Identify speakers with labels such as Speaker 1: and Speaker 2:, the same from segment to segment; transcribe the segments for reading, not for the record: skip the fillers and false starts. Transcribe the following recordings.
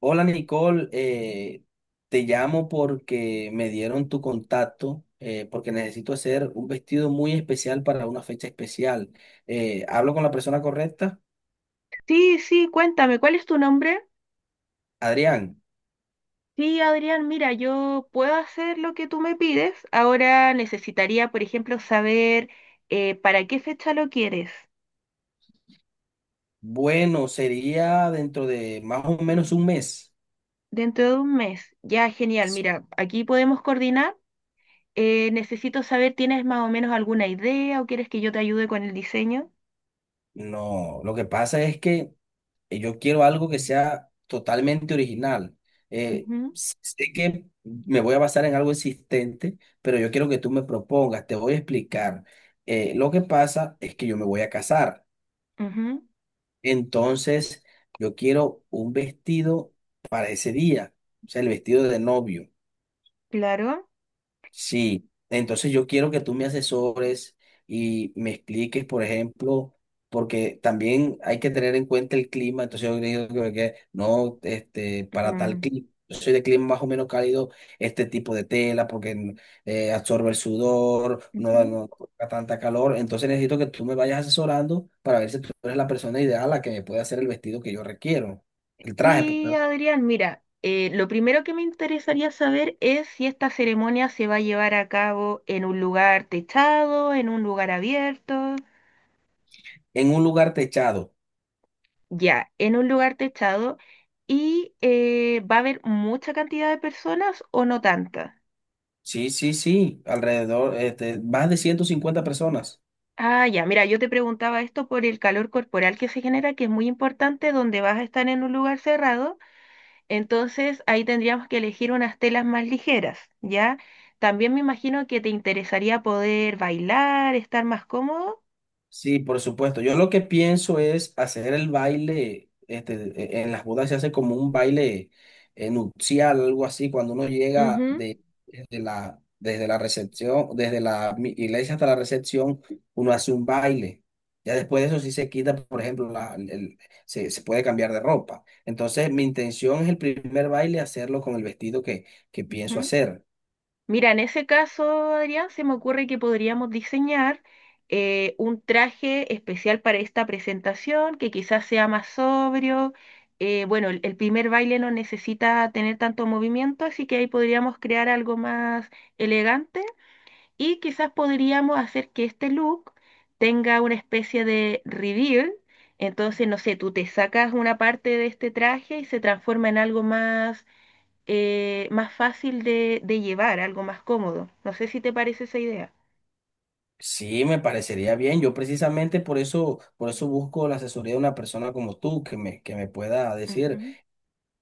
Speaker 1: Hola Nicole, te llamo porque me dieron tu contacto, porque necesito hacer un vestido muy especial para una fecha especial. ¿Hablo con la persona correcta?
Speaker 2: Sí, sí, cuéntame, ¿cuál es tu nombre?
Speaker 1: Adrián,
Speaker 2: Sí, Adrián, mira, yo puedo hacer lo que tú me pides. Ahora necesitaría, por ejemplo, saber para qué fecha lo quieres.
Speaker 1: bueno, sería dentro de más o menos 1 mes.
Speaker 2: Dentro de un mes. Ya, genial. Mira, aquí podemos coordinar. Necesito saber, ¿tienes más o menos alguna idea o quieres que yo te ayude con el diseño?
Speaker 1: No, lo que pasa es que yo quiero algo que sea totalmente original. Eh, Sé que me voy a basar en algo existente, pero yo quiero que tú me propongas, te voy a explicar. Lo que pasa es que yo me voy a casar,
Speaker 2: Ujú, ujú,
Speaker 1: entonces yo quiero un vestido para ese día, o sea, el vestido de novio.
Speaker 2: claro.
Speaker 1: Sí, entonces yo quiero que tú me asesores y me expliques, por ejemplo, porque también hay que tener en cuenta el clima, entonces yo digo que no, este, para tal
Speaker 2: Mm,
Speaker 1: clima, yo soy de clima más o menos cálido, este tipo de tela, porque absorbe el sudor,
Speaker 2: ujú.
Speaker 1: no da tanta calor, entonces necesito que tú me vayas asesorando para ver si tú eres la persona ideal a la que me puede hacer el vestido que yo requiero, el traje,
Speaker 2: Sí,
Speaker 1: perdón,
Speaker 2: Adrián, mira, lo primero que me interesaría saber es si esta ceremonia se va a llevar a cabo en un lugar techado, en un lugar abierto.
Speaker 1: en un lugar techado.
Speaker 2: Ya, en un lugar techado. ¿Y va a haber mucha cantidad de personas o no tanta?
Speaker 1: Sí, sí, sí, alrededor, este, más de 150 personas.
Speaker 2: Ah, ya, mira, yo te preguntaba esto por el calor corporal que se genera, que es muy importante donde vas a estar en un lugar cerrado. Entonces ahí tendríamos que elegir unas telas más ligeras, ¿ya? También me imagino que te interesaría poder bailar, estar más cómodo.
Speaker 1: Sí, por supuesto. Yo lo que pienso es hacer el baile, este, en las bodas se hace como un baile nupcial, algo así, cuando uno llega
Speaker 2: Ujú,
Speaker 1: desde desde la recepción, desde la iglesia hasta la recepción, uno hace un baile. Ya después de eso sí se quita, por ejemplo, se, se puede cambiar de ropa. Entonces, mi intención es el primer baile hacerlo con el vestido que pienso
Speaker 2: ujú.
Speaker 1: hacer.
Speaker 2: Mira, en ese caso, Adrián, se me ocurre que podríamos diseñar un traje especial para esta presentación, que quizás sea más sobrio. Bueno, el primer baile no necesita tener tanto movimiento, así que ahí podríamos crear algo más elegante. Y quizás podríamos hacer que este look tenga una especie de reveal. Entonces, no sé, tú te sacas una parte de este traje y se transforma en algo más, más fácil de llevar, algo más cómodo. No sé si te parece esa idea.
Speaker 1: Sí, me parecería bien. Yo precisamente por eso busco la asesoría de una persona como tú que me pueda decir,
Speaker 2: Ujú.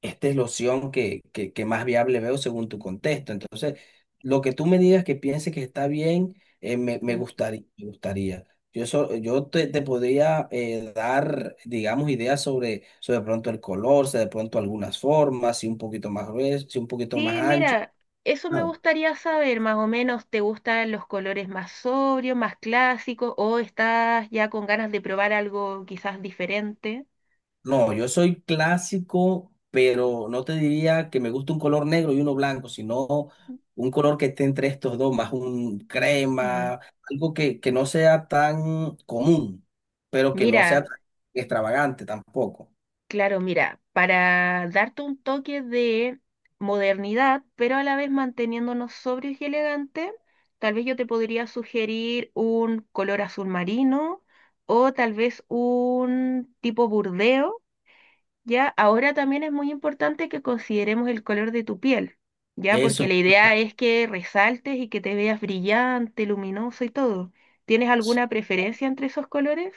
Speaker 1: esta es la opción que más viable veo según tu contexto. Entonces, lo que tú me digas que piense que está bien, me
Speaker 2: Mm.
Speaker 1: gustaría, me gustaría. Yo, yo te podría dar, digamos, ideas sobre de pronto el color, si de pronto algunas formas, si un poquito más grueso, si un poquito más
Speaker 2: Sí,
Speaker 1: ancho.
Speaker 2: mira, eso me
Speaker 1: Claro.
Speaker 2: gustaría saber, más o menos, ¿te gustan los colores más sobrios, más clásicos, o estás ya con ganas de probar algo quizás diferente?
Speaker 1: No, yo soy clásico, pero no te diría que me gusta un color negro y uno blanco, sino un color que esté entre estos dos, más un
Speaker 2: Mm.
Speaker 1: crema, algo que no sea tan común, pero que no sea
Speaker 2: Mira.
Speaker 1: tan extravagante tampoco.
Speaker 2: Claro, mira, para darte un toque de modernidad, pero a la vez manteniéndonos sobrios y elegantes, tal vez yo te podría sugerir un color azul marino o tal vez un tipo burdeo, ¿ya? Ahora también es muy importante que consideremos el color de tu piel, ¿ya? Porque
Speaker 1: Eso.
Speaker 2: la idea es que resaltes y que te veas brillante, luminoso y todo. ¿Tienes
Speaker 1: Sí.
Speaker 2: alguna preferencia entre esos colores?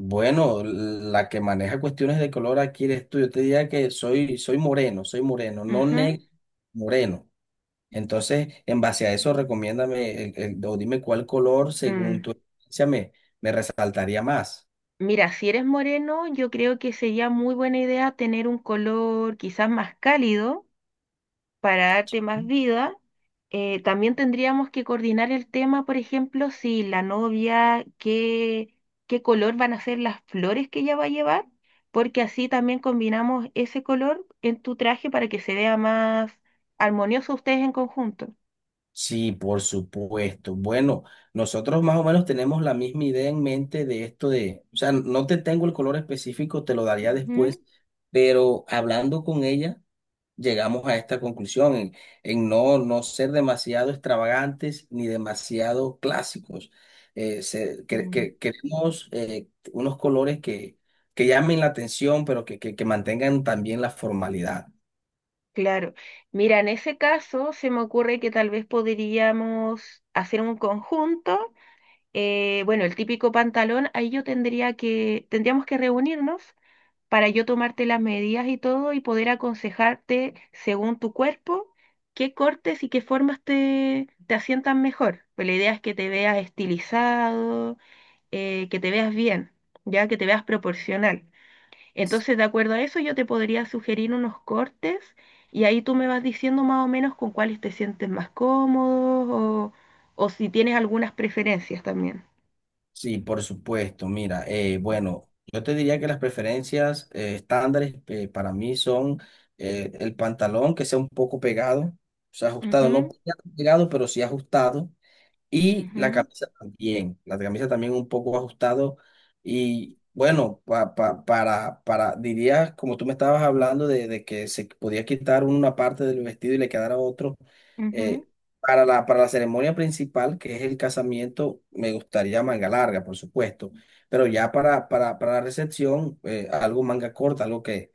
Speaker 1: Bueno, la que maneja cuestiones de color aquí eres tú. Yo te diría que soy moreno, no
Speaker 2: Ujú,
Speaker 1: negro, moreno. Entonces, en base a eso, recomiéndame o dime cuál color, según
Speaker 2: mm.
Speaker 1: tu experiencia, me resaltaría más.
Speaker 2: Mira, si eres moreno, yo creo que sería muy buena idea tener un color quizás más cálido para darte más vida. También tendríamos que coordinar el tema, por ejemplo, si la novia, qué color van a ser las flores que ella va a llevar, porque así también combinamos ese color en tu traje para que se vea más armonioso ustedes en conjunto.
Speaker 1: Sí, por supuesto. Bueno, nosotros más o menos tenemos la misma idea en mente de esto de, o sea, no te tengo el color específico, te lo daría después, pero hablando con ella llegamos a esta conclusión en no ser demasiado extravagantes ni demasiado clásicos.
Speaker 2: Ujú.
Speaker 1: Queremos unos colores que, llamen la atención, pero que mantengan también la formalidad.
Speaker 2: Claro. Mira, en ese caso se me ocurre que tal vez podríamos hacer un conjunto. Bueno, el típico pantalón, ahí yo tendríamos que reunirnos para yo tomarte las medidas y todo y poder aconsejarte según tu cuerpo qué cortes y qué formas te asientan mejor. Pues la idea es que te veas estilizado, que te veas bien, ya que te veas proporcional. Entonces, de acuerdo a eso, yo te podría sugerir unos cortes y ahí tú me vas diciendo más o menos con cuáles te sientes más cómodo o si tienes algunas preferencias también.
Speaker 1: Sí, por supuesto. Mira, bueno, yo te diría que las preferencias estándares para mí son el pantalón que sea un poco pegado, o sea, ajustado, no
Speaker 2: Ujú,
Speaker 1: pegado, pegado, pero sí ajustado. Y
Speaker 2: ujú,
Speaker 1: la camisa también un poco ajustado y bueno, para, diría, como tú me estabas hablando de que se podía quitar una parte del vestido y le quedara otro,
Speaker 2: ujú.
Speaker 1: eh, para la ceremonia principal, que es el casamiento, me gustaría manga larga, por supuesto, pero ya para la recepción, algo manga corta, algo que,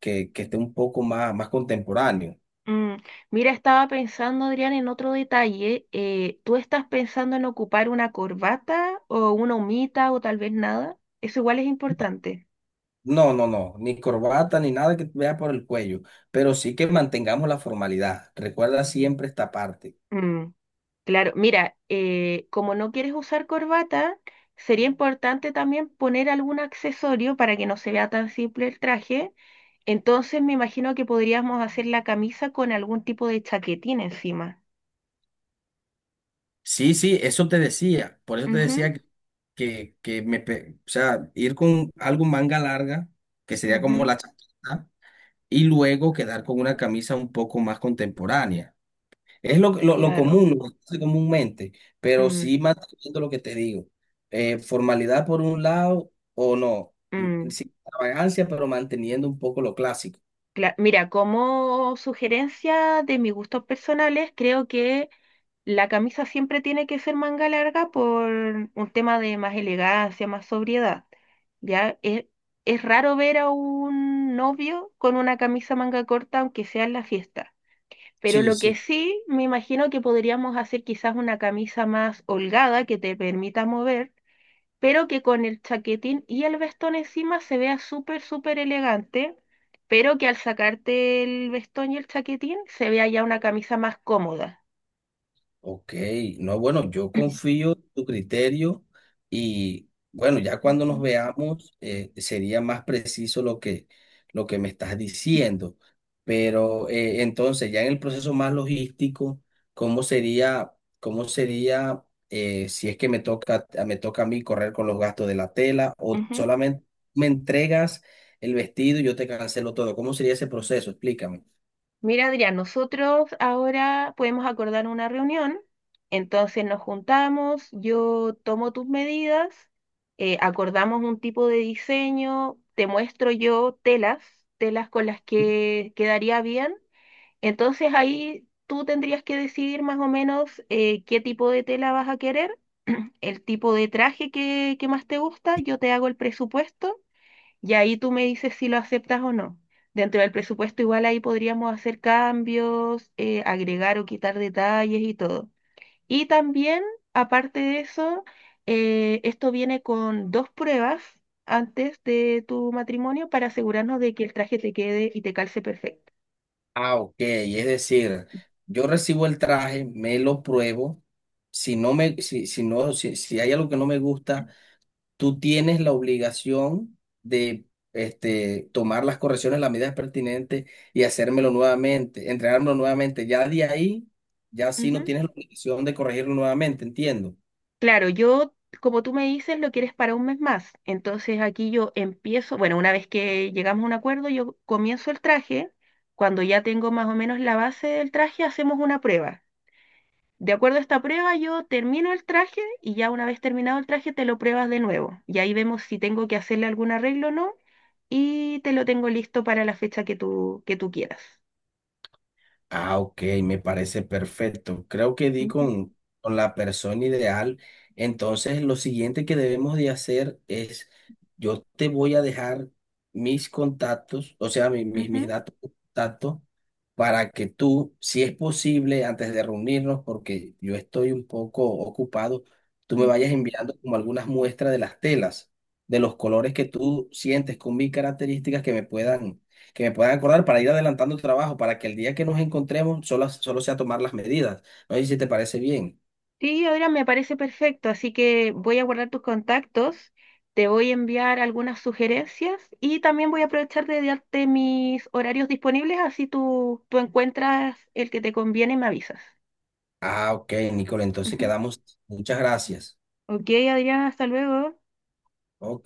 Speaker 1: que, que esté un poco más, más contemporáneo.
Speaker 2: Mm. Mira, estaba pensando, Adrián, en otro detalle. ¿Tú estás pensando en ocupar una corbata o una humita o tal vez nada? Eso igual es importante.
Speaker 1: No, no, no, ni corbata ni nada que vea por el cuello, pero sí que mantengamos la formalidad. Recuerda siempre esta parte.
Speaker 2: Mm. Claro, mira, como no quieres usar corbata, sería importante también poner algún accesorio para que no se vea tan simple el traje. Entonces me imagino que podríamos hacer la camisa con algún tipo de chaquetín encima.
Speaker 1: Sí, sí, eso te decía, por eso te
Speaker 2: Ujú,
Speaker 1: decía que me, o sea, ir con algo manga larga, que sería como
Speaker 2: ujú,
Speaker 1: la chaqueta, y luego quedar con una camisa un poco más contemporánea. Es lo
Speaker 2: claro.
Speaker 1: común, lo que se hace comúnmente, pero
Speaker 2: Mm,
Speaker 1: sí manteniendo lo que te digo. Formalidad por un lado o no,
Speaker 2: mm,
Speaker 1: sin extravagancia, pero manteniendo un poco lo clásico.
Speaker 2: Mira, como sugerencia de mis gustos personales, creo que la camisa siempre tiene que ser manga larga por un tema de más elegancia, más sobriedad. Ya es, es raro ver a un novio con una camisa manga corta, aunque sea en la fiesta. Pero
Speaker 1: Sí,
Speaker 2: lo que
Speaker 1: sí.
Speaker 2: sí, me imagino que podríamos hacer quizás una camisa más holgada que te permita mover, pero que con el chaquetín y el vestón encima se vea súper, súper elegante, pero que al sacarte el vestón y el chaquetín se vea ya una camisa más cómoda.
Speaker 1: Ok, no, bueno, yo confío en tu criterio y bueno, ya cuando nos
Speaker 2: Ujú,
Speaker 1: veamos sería más preciso lo que me estás diciendo. Pero entonces, ya en el proceso más logístico, ¿cómo cómo sería si es que me toca a mí correr con los gastos de la tela o
Speaker 2: ujú.
Speaker 1: solamente me entregas el vestido y yo te cancelo todo? ¿Cómo sería ese proceso? Explícame.
Speaker 2: Mira, Adrián, nosotros ahora podemos acordar una reunión, entonces nos juntamos, yo tomo tus medidas, acordamos un tipo de diseño, te muestro yo telas, telas con las que quedaría bien, entonces ahí tú tendrías que decidir más o menos qué tipo de tela vas a querer, el tipo de traje que más te gusta, yo te hago el presupuesto. Y ahí tú me dices si lo aceptas o no. Dentro del presupuesto igual ahí podríamos hacer cambios, agregar o quitar detalles y todo. Y también, aparte de eso, esto viene con dos pruebas antes de tu matrimonio para asegurarnos de que el traje te quede y te calce perfecto.
Speaker 1: Ah, ok. Es decir, yo recibo el traje, me lo pruebo. Si no me, si, si no, si, si hay algo que no me gusta, tú tienes la obligación de este, tomar las correcciones, las medidas pertinentes y hacérmelo nuevamente, entregármelo nuevamente. Ya de ahí, ya sí no
Speaker 2: Ujú.
Speaker 1: tienes la obligación de corregirlo nuevamente, entiendo.
Speaker 2: Claro, yo, como tú me dices, lo quieres para un mes más. Entonces aquí yo empiezo, bueno, una vez que llegamos a un acuerdo, yo comienzo el traje. Cuando ya tengo más o menos la base del traje, hacemos una prueba. De acuerdo a esta prueba, yo termino el traje y ya una vez terminado el traje, te lo pruebas de nuevo. Y ahí vemos si tengo que hacerle algún arreglo o no y te lo tengo listo para la fecha que tú quieras.
Speaker 1: Ah, ok, me parece perfecto. Creo que di
Speaker 2: Ujú,
Speaker 1: con la persona ideal. Entonces, lo siguiente que debemos de hacer es, yo te voy a dejar mis contactos, o sea, mis
Speaker 2: ujú,
Speaker 1: datos de contacto, para que tú, si es posible, antes de reunirnos, porque yo estoy un poco ocupado, tú me vayas
Speaker 2: ujú.
Speaker 1: enviando como algunas muestras de las telas, de los colores que tú sientes con mis características que me puedan acordar para ir adelantando el trabajo, para que el día que nos encontremos solo sea tomar las medidas. No sé si te parece bien.
Speaker 2: Sí, ahora me parece perfecto, así que voy a guardar tus contactos, te voy a enviar algunas sugerencias y también voy a aprovechar de darte mis horarios disponibles, así tú encuentras el que te conviene y me avisas.
Speaker 1: Ah, ok, Nicole, entonces
Speaker 2: Ujú.
Speaker 1: quedamos. Muchas gracias.
Speaker 2: Ok, Adriana, hasta luego.
Speaker 1: Ok.